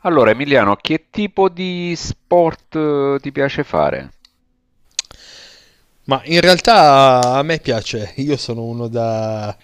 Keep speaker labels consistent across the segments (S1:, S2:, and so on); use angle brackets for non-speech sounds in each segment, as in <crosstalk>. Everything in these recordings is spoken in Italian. S1: Allora, Emiliano, che tipo di sport ti piace fare?
S2: Ma in realtà a me piace, io sono uno da...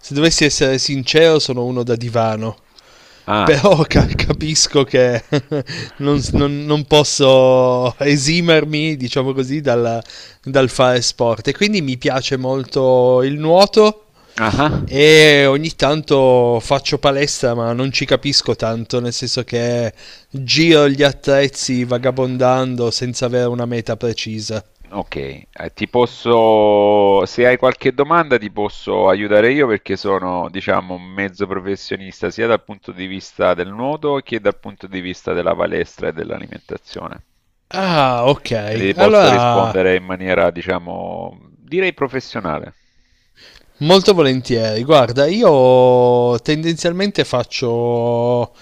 S2: Se dovessi essere sincero, sono uno da divano. <laughs>
S1: Ah,
S2: Però capisco che <laughs> non posso esimermi, diciamo così, dal fare sport. E quindi mi piace molto il nuoto
S1: ah, ah.
S2: e ogni tanto faccio palestra, ma non ci capisco tanto, nel senso che giro gli attrezzi vagabondando senza avere una meta precisa.
S1: Ok, ti posso, se hai qualche domanda ti posso aiutare io perché sono, diciamo, un mezzo professionista sia dal punto di vista del nuoto che dal punto di vista della palestra e dell'alimentazione.
S2: Ah, ok.
S1: Quindi ti posso
S2: Allora,
S1: rispondere in maniera, diciamo, direi professionale.
S2: molto volentieri. Guarda, io tendenzialmente faccio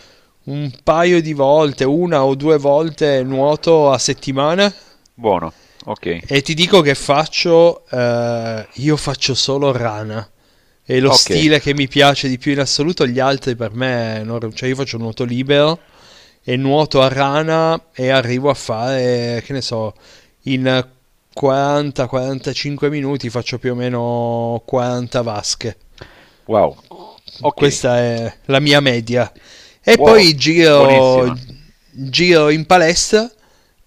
S2: un paio di volte, una o due volte nuoto a settimana
S1: Buono, ok,
S2: e ti dico che faccio, io faccio solo rana. È lo
S1: ok,
S2: stile che mi piace di più in assoluto, gli altri per me, cioè io faccio nuoto libero e nuoto a rana e arrivo a fare, che ne so, in 40-45 minuti faccio più o meno 40 vasche.
S1: wow, ok,
S2: Questa è la mia media. E
S1: buono,
S2: poi giro,
S1: buonissima,
S2: giro in palestra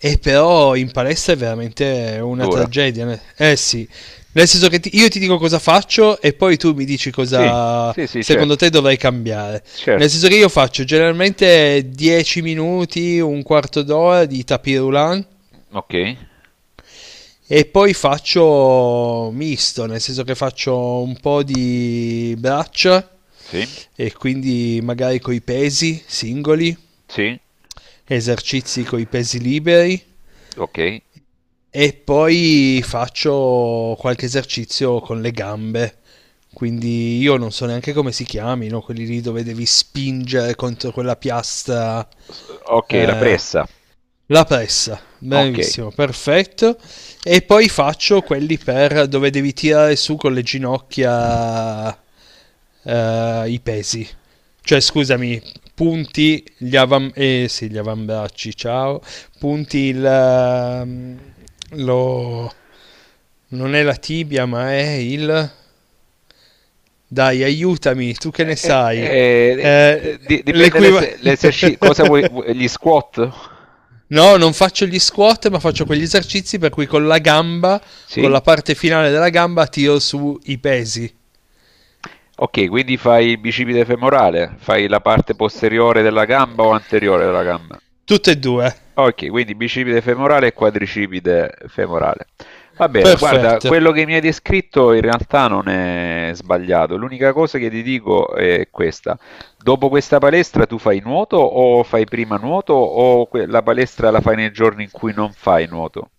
S2: e però in palestra è veramente una
S1: dura.
S2: tragedia. Eh sì, nel senso che io ti dico cosa faccio e poi tu mi dici
S1: Sì,
S2: cosa
S1: sì, sì,
S2: secondo
S1: certo,
S2: te dovrei cambiare. Nel
S1: certo.
S2: senso che io faccio generalmente 10 minuti, un quarto d'ora di tapis roulant
S1: Ok,
S2: e poi faccio misto, nel senso che faccio un po' di braccia
S1: sì,
S2: e quindi magari coi pesi singoli,
S1: sì,
S2: esercizi coi pesi liberi
S1: ok.
S2: e poi faccio qualche esercizio con le gambe. Quindi io non so neanche come si chiamino, quelli lì dove devi spingere contro quella piastra
S1: S- Ok, la
S2: eh,
S1: pressa.
S2: La pressa,
S1: Ok.
S2: benissimo, perfetto. E poi faccio quelli per dove devi tirare su con le ginocchia, i pesi. Cioè, scusami, sì, gli avambracci, ciao. Punti il... lo... Non è la tibia, ma è il... Dai, aiutami, tu che ne
S1: Eh,
S2: sai.
S1: eh, eh,
S2: Eh,
S1: dipende
S2: l'equiva-
S1: l'esercizio. Cosa vuoi, gli squat?
S2: No, non faccio gli squat, ma faccio quegli esercizi per cui con la gamba, con
S1: Sì?
S2: la parte finale della gamba, tiro su i pesi.
S1: Ok, quindi fai il bicipite femorale, fai la parte posteriore della gamba o anteriore della gamba?
S2: Tutte e due.
S1: Ok, quindi bicipite femorale e quadricipite femorale. Va bene, guarda,
S2: Perfetto.
S1: quello che mi hai descritto in realtà non è sbagliato. L'unica cosa che ti dico è questa. Dopo questa palestra tu fai nuoto o fai prima nuoto o la palestra la fai nei giorni in cui non fai nuoto?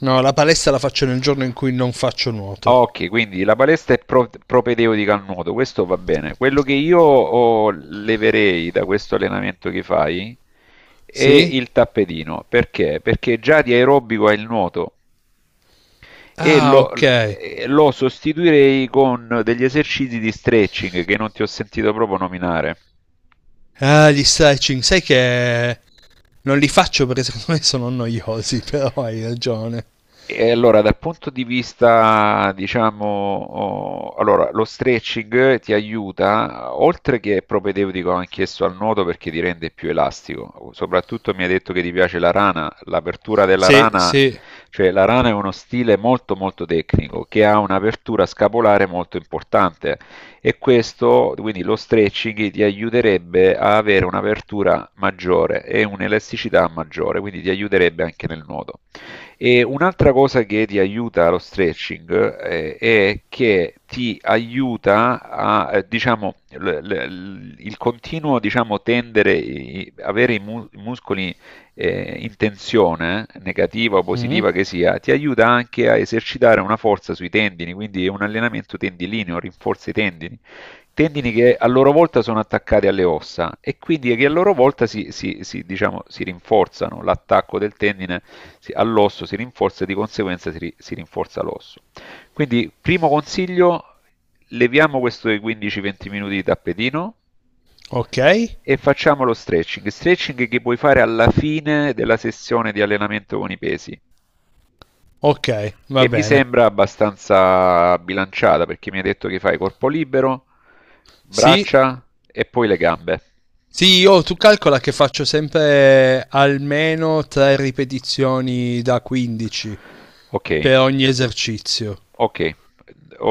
S2: No, la palestra la faccio nel giorno in cui non faccio nuoto.
S1: Ok, quindi la palestra è propedeutica al nuoto, questo va bene. Quello che io leverei da questo allenamento che fai è
S2: Sì?
S1: il tappetino. Perché? Perché già di aerobico hai il nuoto e
S2: Ah,
S1: lo,
S2: ok.
S1: e lo sostituirei con degli esercizi di stretching che non ti ho sentito proprio nominare.
S2: Ah, gli stretching, sai che non li faccio perché secondo me sono noiosi, <laughs> però hai ragione.
S1: E allora, dal punto di vista, diciamo, allora, lo stretching ti aiuta, oltre che è propedeutico anch'esso al nuoto perché ti rende più elastico. Soprattutto mi hai detto che ti piace la rana, l'apertura della
S2: Sì,
S1: rana,
S2: sì.
S1: cioè la rana è uno stile molto molto tecnico che ha un'apertura scapolare molto importante e questo, quindi lo stretching ti aiuterebbe a avere un'apertura maggiore e un'elasticità maggiore, quindi ti aiuterebbe anche nel nuoto. E un'altra cosa che ti aiuta lo stretching è che ti aiuta a, diciamo, il continuo, diciamo, tendere, avere i muscoli in tensione, negativa o
S2: Mm,
S1: positiva che sia, ti aiuta anche a esercitare una forza sui tendini, quindi è un allenamento tendilineo, rinforza i tendini. Tendini che a loro volta sono attaccati alle ossa e quindi che a loro volta si, diciamo, si rinforzano, l'attacco del tendine all'osso si rinforza e di conseguenza si rinforza l'osso. Quindi, primo consiglio, leviamo questo dei 15-20 minuti di tappetino
S2: ok.
S1: e facciamo lo stretching. Stretching che puoi fare alla fine della sessione di allenamento con i pesi
S2: Ok, va
S1: che mi
S2: bene.
S1: sembra abbastanza bilanciata perché mi hai detto che fai corpo libero,
S2: Sì,
S1: braccia e poi le gambe.
S2: sì, io tu calcola che faccio sempre almeno tre ripetizioni da 15
S1: Ok,
S2: per ogni esercizio
S1: ok.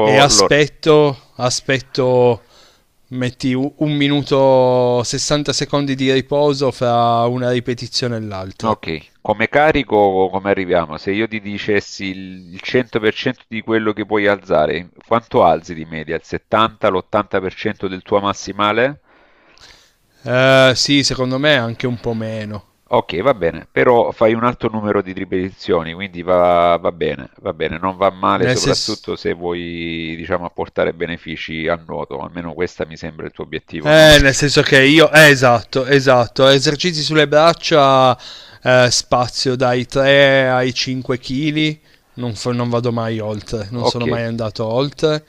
S2: e
S1: Allora,
S2: aspetto, metti un minuto 60 secondi di riposo fra una ripetizione e l'altra.
S1: ok, come carico come arriviamo? Se io ti dicessi il 100% di quello che puoi alzare, quanto alzi di media? Il 70, l'80% del tuo massimale?
S2: Sì, secondo me anche un po' meno.
S1: Okay, va bene, però fai un alto numero di ripetizioni, quindi va bene, non va male
S2: Nel
S1: soprattutto
S2: senso,
S1: se vuoi, diciamo, apportare benefici al nuoto, almeno questa mi sembra il tuo obiettivo, no?
S2: Nel senso che io, esatto, esercizi sulle braccia, spazio dai 3 ai 5 kg, non vado mai oltre, non sono
S1: Okay,
S2: mai andato oltre.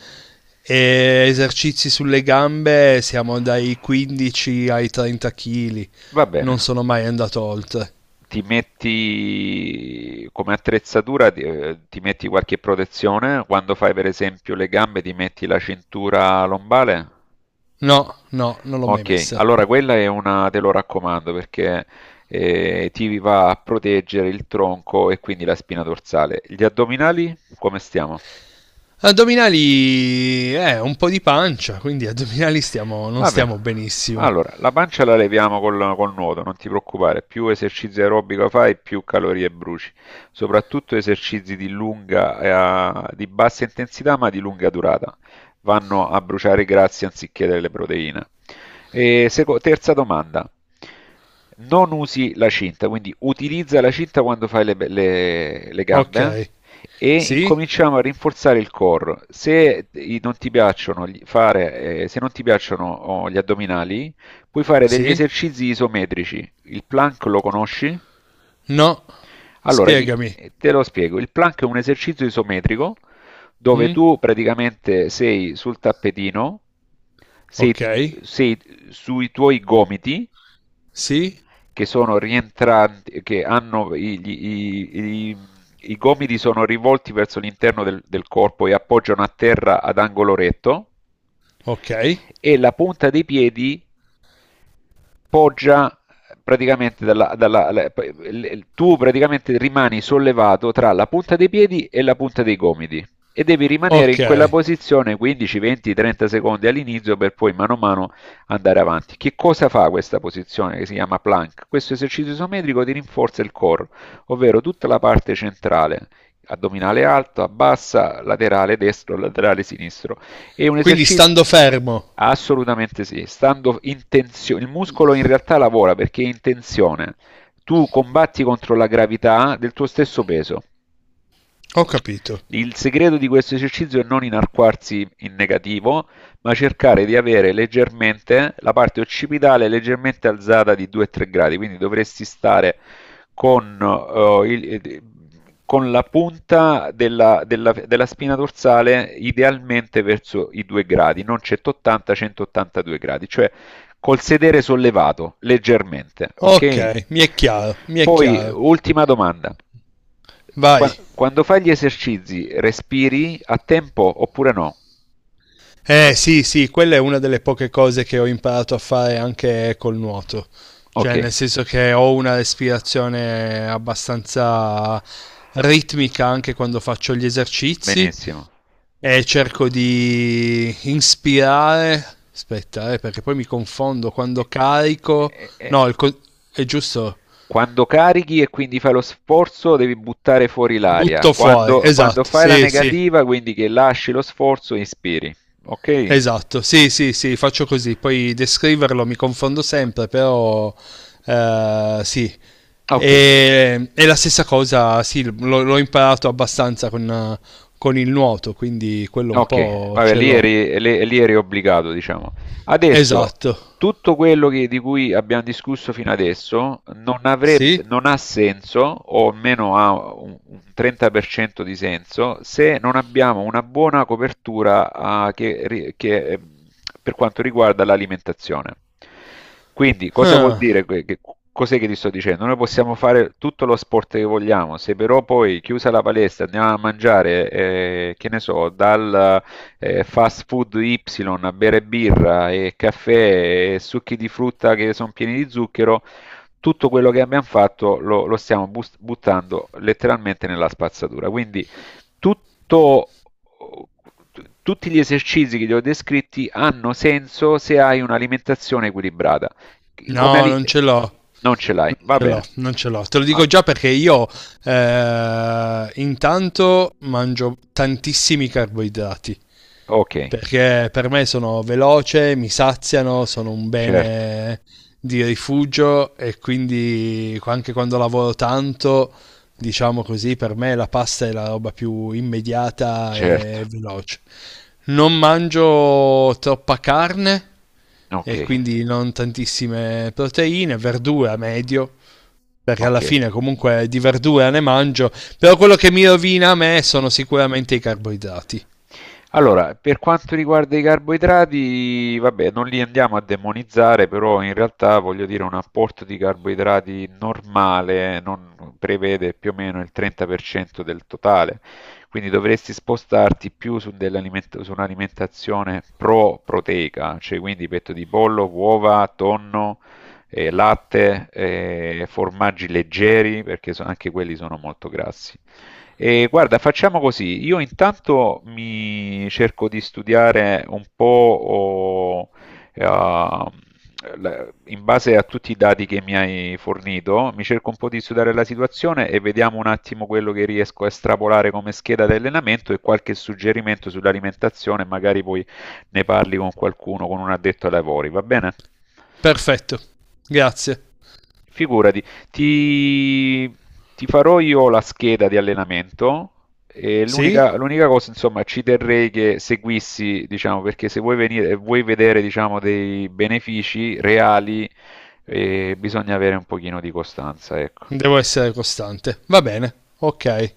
S2: E esercizi sulle gambe siamo dai 15 ai 30 kg,
S1: va bene.
S2: non sono mai andato oltre.
S1: Ti metti come attrezzatura, ti metti qualche protezione? Quando fai per esempio le gambe ti metti la cintura lombare?
S2: No, no, non l'ho mai
S1: Ok,
S2: messa.
S1: allora quella è una, te lo raccomando perché ti va a proteggere il tronco e quindi la spina dorsale. Gli addominali, come stiamo?
S2: Addominali, un po' di pancia, quindi addominali stiamo, non
S1: Vabbè,
S2: stiamo benissimo.
S1: allora la pancia la leviamo col nuoto, non ti preoccupare, più esercizi aerobico fai, più calorie bruci, soprattutto esercizi di lunga, di bassa intensità ma di lunga durata, vanno a bruciare i grassi anziché delle proteine. E terza domanda, non usi la cinta, quindi utilizza la cinta quando fai le gambe, eh?
S2: Ok,
S1: E
S2: sì,
S1: incominciamo a rinforzare il core. Se non ti piacciono, fare, se non ti piacciono gli addominali, puoi fare degli
S2: sì.
S1: esercizi isometrici. Il plank lo conosci?
S2: No.
S1: Allora,
S2: Spiegami.
S1: te lo spiego. Il plank è un esercizio isometrico dove
S2: Mm?
S1: tu praticamente sei sul tappetino, sei,
S2: Ok.
S1: sei sui tuoi gomiti
S2: Sì.
S1: che sono rientranti, che hanno i- i gomiti sono rivolti verso l'interno del corpo e appoggiano a terra ad angolo retto
S2: Ok.
S1: e la punta dei piedi poggia praticamente tu praticamente rimani sollevato tra la punta dei piedi e la punta dei gomiti e devi rimanere
S2: Ok.
S1: in quella posizione 15, 20, 30 secondi all'inizio per poi mano a mano andare avanti. Che cosa fa questa posizione che si chiama plank? Questo esercizio isometrico ti rinforza il core, ovvero tutta la parte centrale, addominale alta, bassa, laterale destro, laterale sinistro è un
S2: Quindi
S1: esercizio
S2: stando fermo.
S1: assolutamente sì, stando in tensione, il muscolo in realtà lavora perché è in tensione. Tu combatti contro la gravità del tuo stesso peso.
S2: Ho capito.
S1: Il segreto di questo esercizio è non inarcarsi in negativo, ma cercare di avere leggermente la parte occipitale leggermente alzata di 2-3 gradi, quindi dovresti stare con, eh, il- eh, con la punta della spina dorsale idealmente verso i 2 gradi, non 180, 182 gradi, cioè col sedere sollevato leggermente,
S2: Ok,
S1: ok?
S2: mi è chiaro, mi è
S1: Poi,
S2: chiaro.
S1: ultima domanda.
S2: Vai.
S1: Quando fai gli esercizi, respiri a tempo oppure no?
S2: Eh sì, sì, quella è una delle poche cose che ho imparato a fare anche col nuoto.
S1: Ok,
S2: Cioè, nel senso che ho una respirazione abbastanza ritmica anche quando faccio gli esercizi
S1: benissimo.
S2: e cerco di inspirare. Aspetta, perché poi mi confondo
S1: E-
S2: quando carico.
S1: e- e-
S2: No, è giusto.
S1: Quando carichi e quindi fai lo sforzo, devi buttare fuori l'aria.
S2: Butto fuori.
S1: Quando
S2: Esatto,
S1: fai la
S2: sì, sì.
S1: negativa, quindi che lasci lo sforzo, inspiri. Ok?
S2: Esatto, sì, sì, sì, faccio così. Poi descriverlo mi confondo sempre, però sì.
S1: Ok.
S2: E la stessa cosa, sì, l'ho imparato abbastanza con il nuoto, quindi quello un
S1: Okay,
S2: po'
S1: vabbè
S2: ce
S1: lì
S2: l'ho.
S1: eri lì lì eri obbligato, diciamo. Adesso,
S2: Esatto.
S1: tutto quello di cui abbiamo discusso fino adesso
S2: Sì?
S1: non ha senso, o almeno ha un 30% di senso, se non abbiamo una buona copertura, che, per quanto riguarda l'alimentazione. Quindi, cosa vuol
S2: Ah,
S1: dire? Che, cos'è che ti sto dicendo? Noi possiamo fare tutto lo sport che vogliamo, se però poi chiusa la palestra andiamo a mangiare, che ne so, dal fast food Y, bere birra e caffè e succhi di frutta che sono pieni di zucchero, tutto quello che abbiamo fatto lo stiamo buttando letteralmente nella spazzatura. Quindi tutto, tutti gli esercizi che ti ho descritti hanno senso se hai un'alimentazione equilibrata. Come
S2: no,
S1: ali-
S2: non ce l'ho.
S1: non ce l'hai,
S2: Non
S1: va
S2: ce l'ho,
S1: bene.
S2: non ce l'ho. Te lo dico
S1: Ah,
S2: già perché io intanto mangio tantissimi carboidrati.
S1: ok,
S2: Perché per me sono veloce, mi saziano, sono un
S1: certo,
S2: bene di rifugio e quindi anche quando lavoro tanto, diciamo così, per me la pasta è la roba più immediata
S1: certo,
S2: e veloce. Non mangio troppa carne
S1: ok,
S2: e quindi non tantissime proteine, verdura medio perché alla
S1: ok.
S2: fine comunque di verdura ne mangio, però quello che mi rovina a me sono sicuramente i carboidrati.
S1: Allora, per quanto riguarda i carboidrati, vabbè, non li andiamo a demonizzare, però in realtà voglio dire un apporto di carboidrati normale non prevede più o meno il 30% del totale, quindi dovresti spostarti più su, su un'alimentazione pro-proteica, cioè quindi petto di pollo, uova, tonno, latte, formaggi leggeri, perché anche quelli sono molto grassi. E guarda, facciamo così. Io intanto mi cerco di studiare un po' o, eh, in base a tutti i dati che mi hai fornito, mi cerco un po' di studiare la situazione e vediamo un attimo quello che riesco a estrapolare come scheda di allenamento e qualche suggerimento sull'alimentazione, magari poi ne parli con qualcuno, con un addetto ai lavori, va bene?
S2: Perfetto, grazie.
S1: Figurati, ti, ti farò io la scheda di allenamento e
S2: Sì?
S1: l'unica cosa, insomma, ci terrei che seguissi, diciamo, perché se vuoi venire, vuoi vedere, diciamo, dei benefici reali, bisogna avere un pochino di costanza, ecco.
S2: Devo essere costante. Va bene, ok.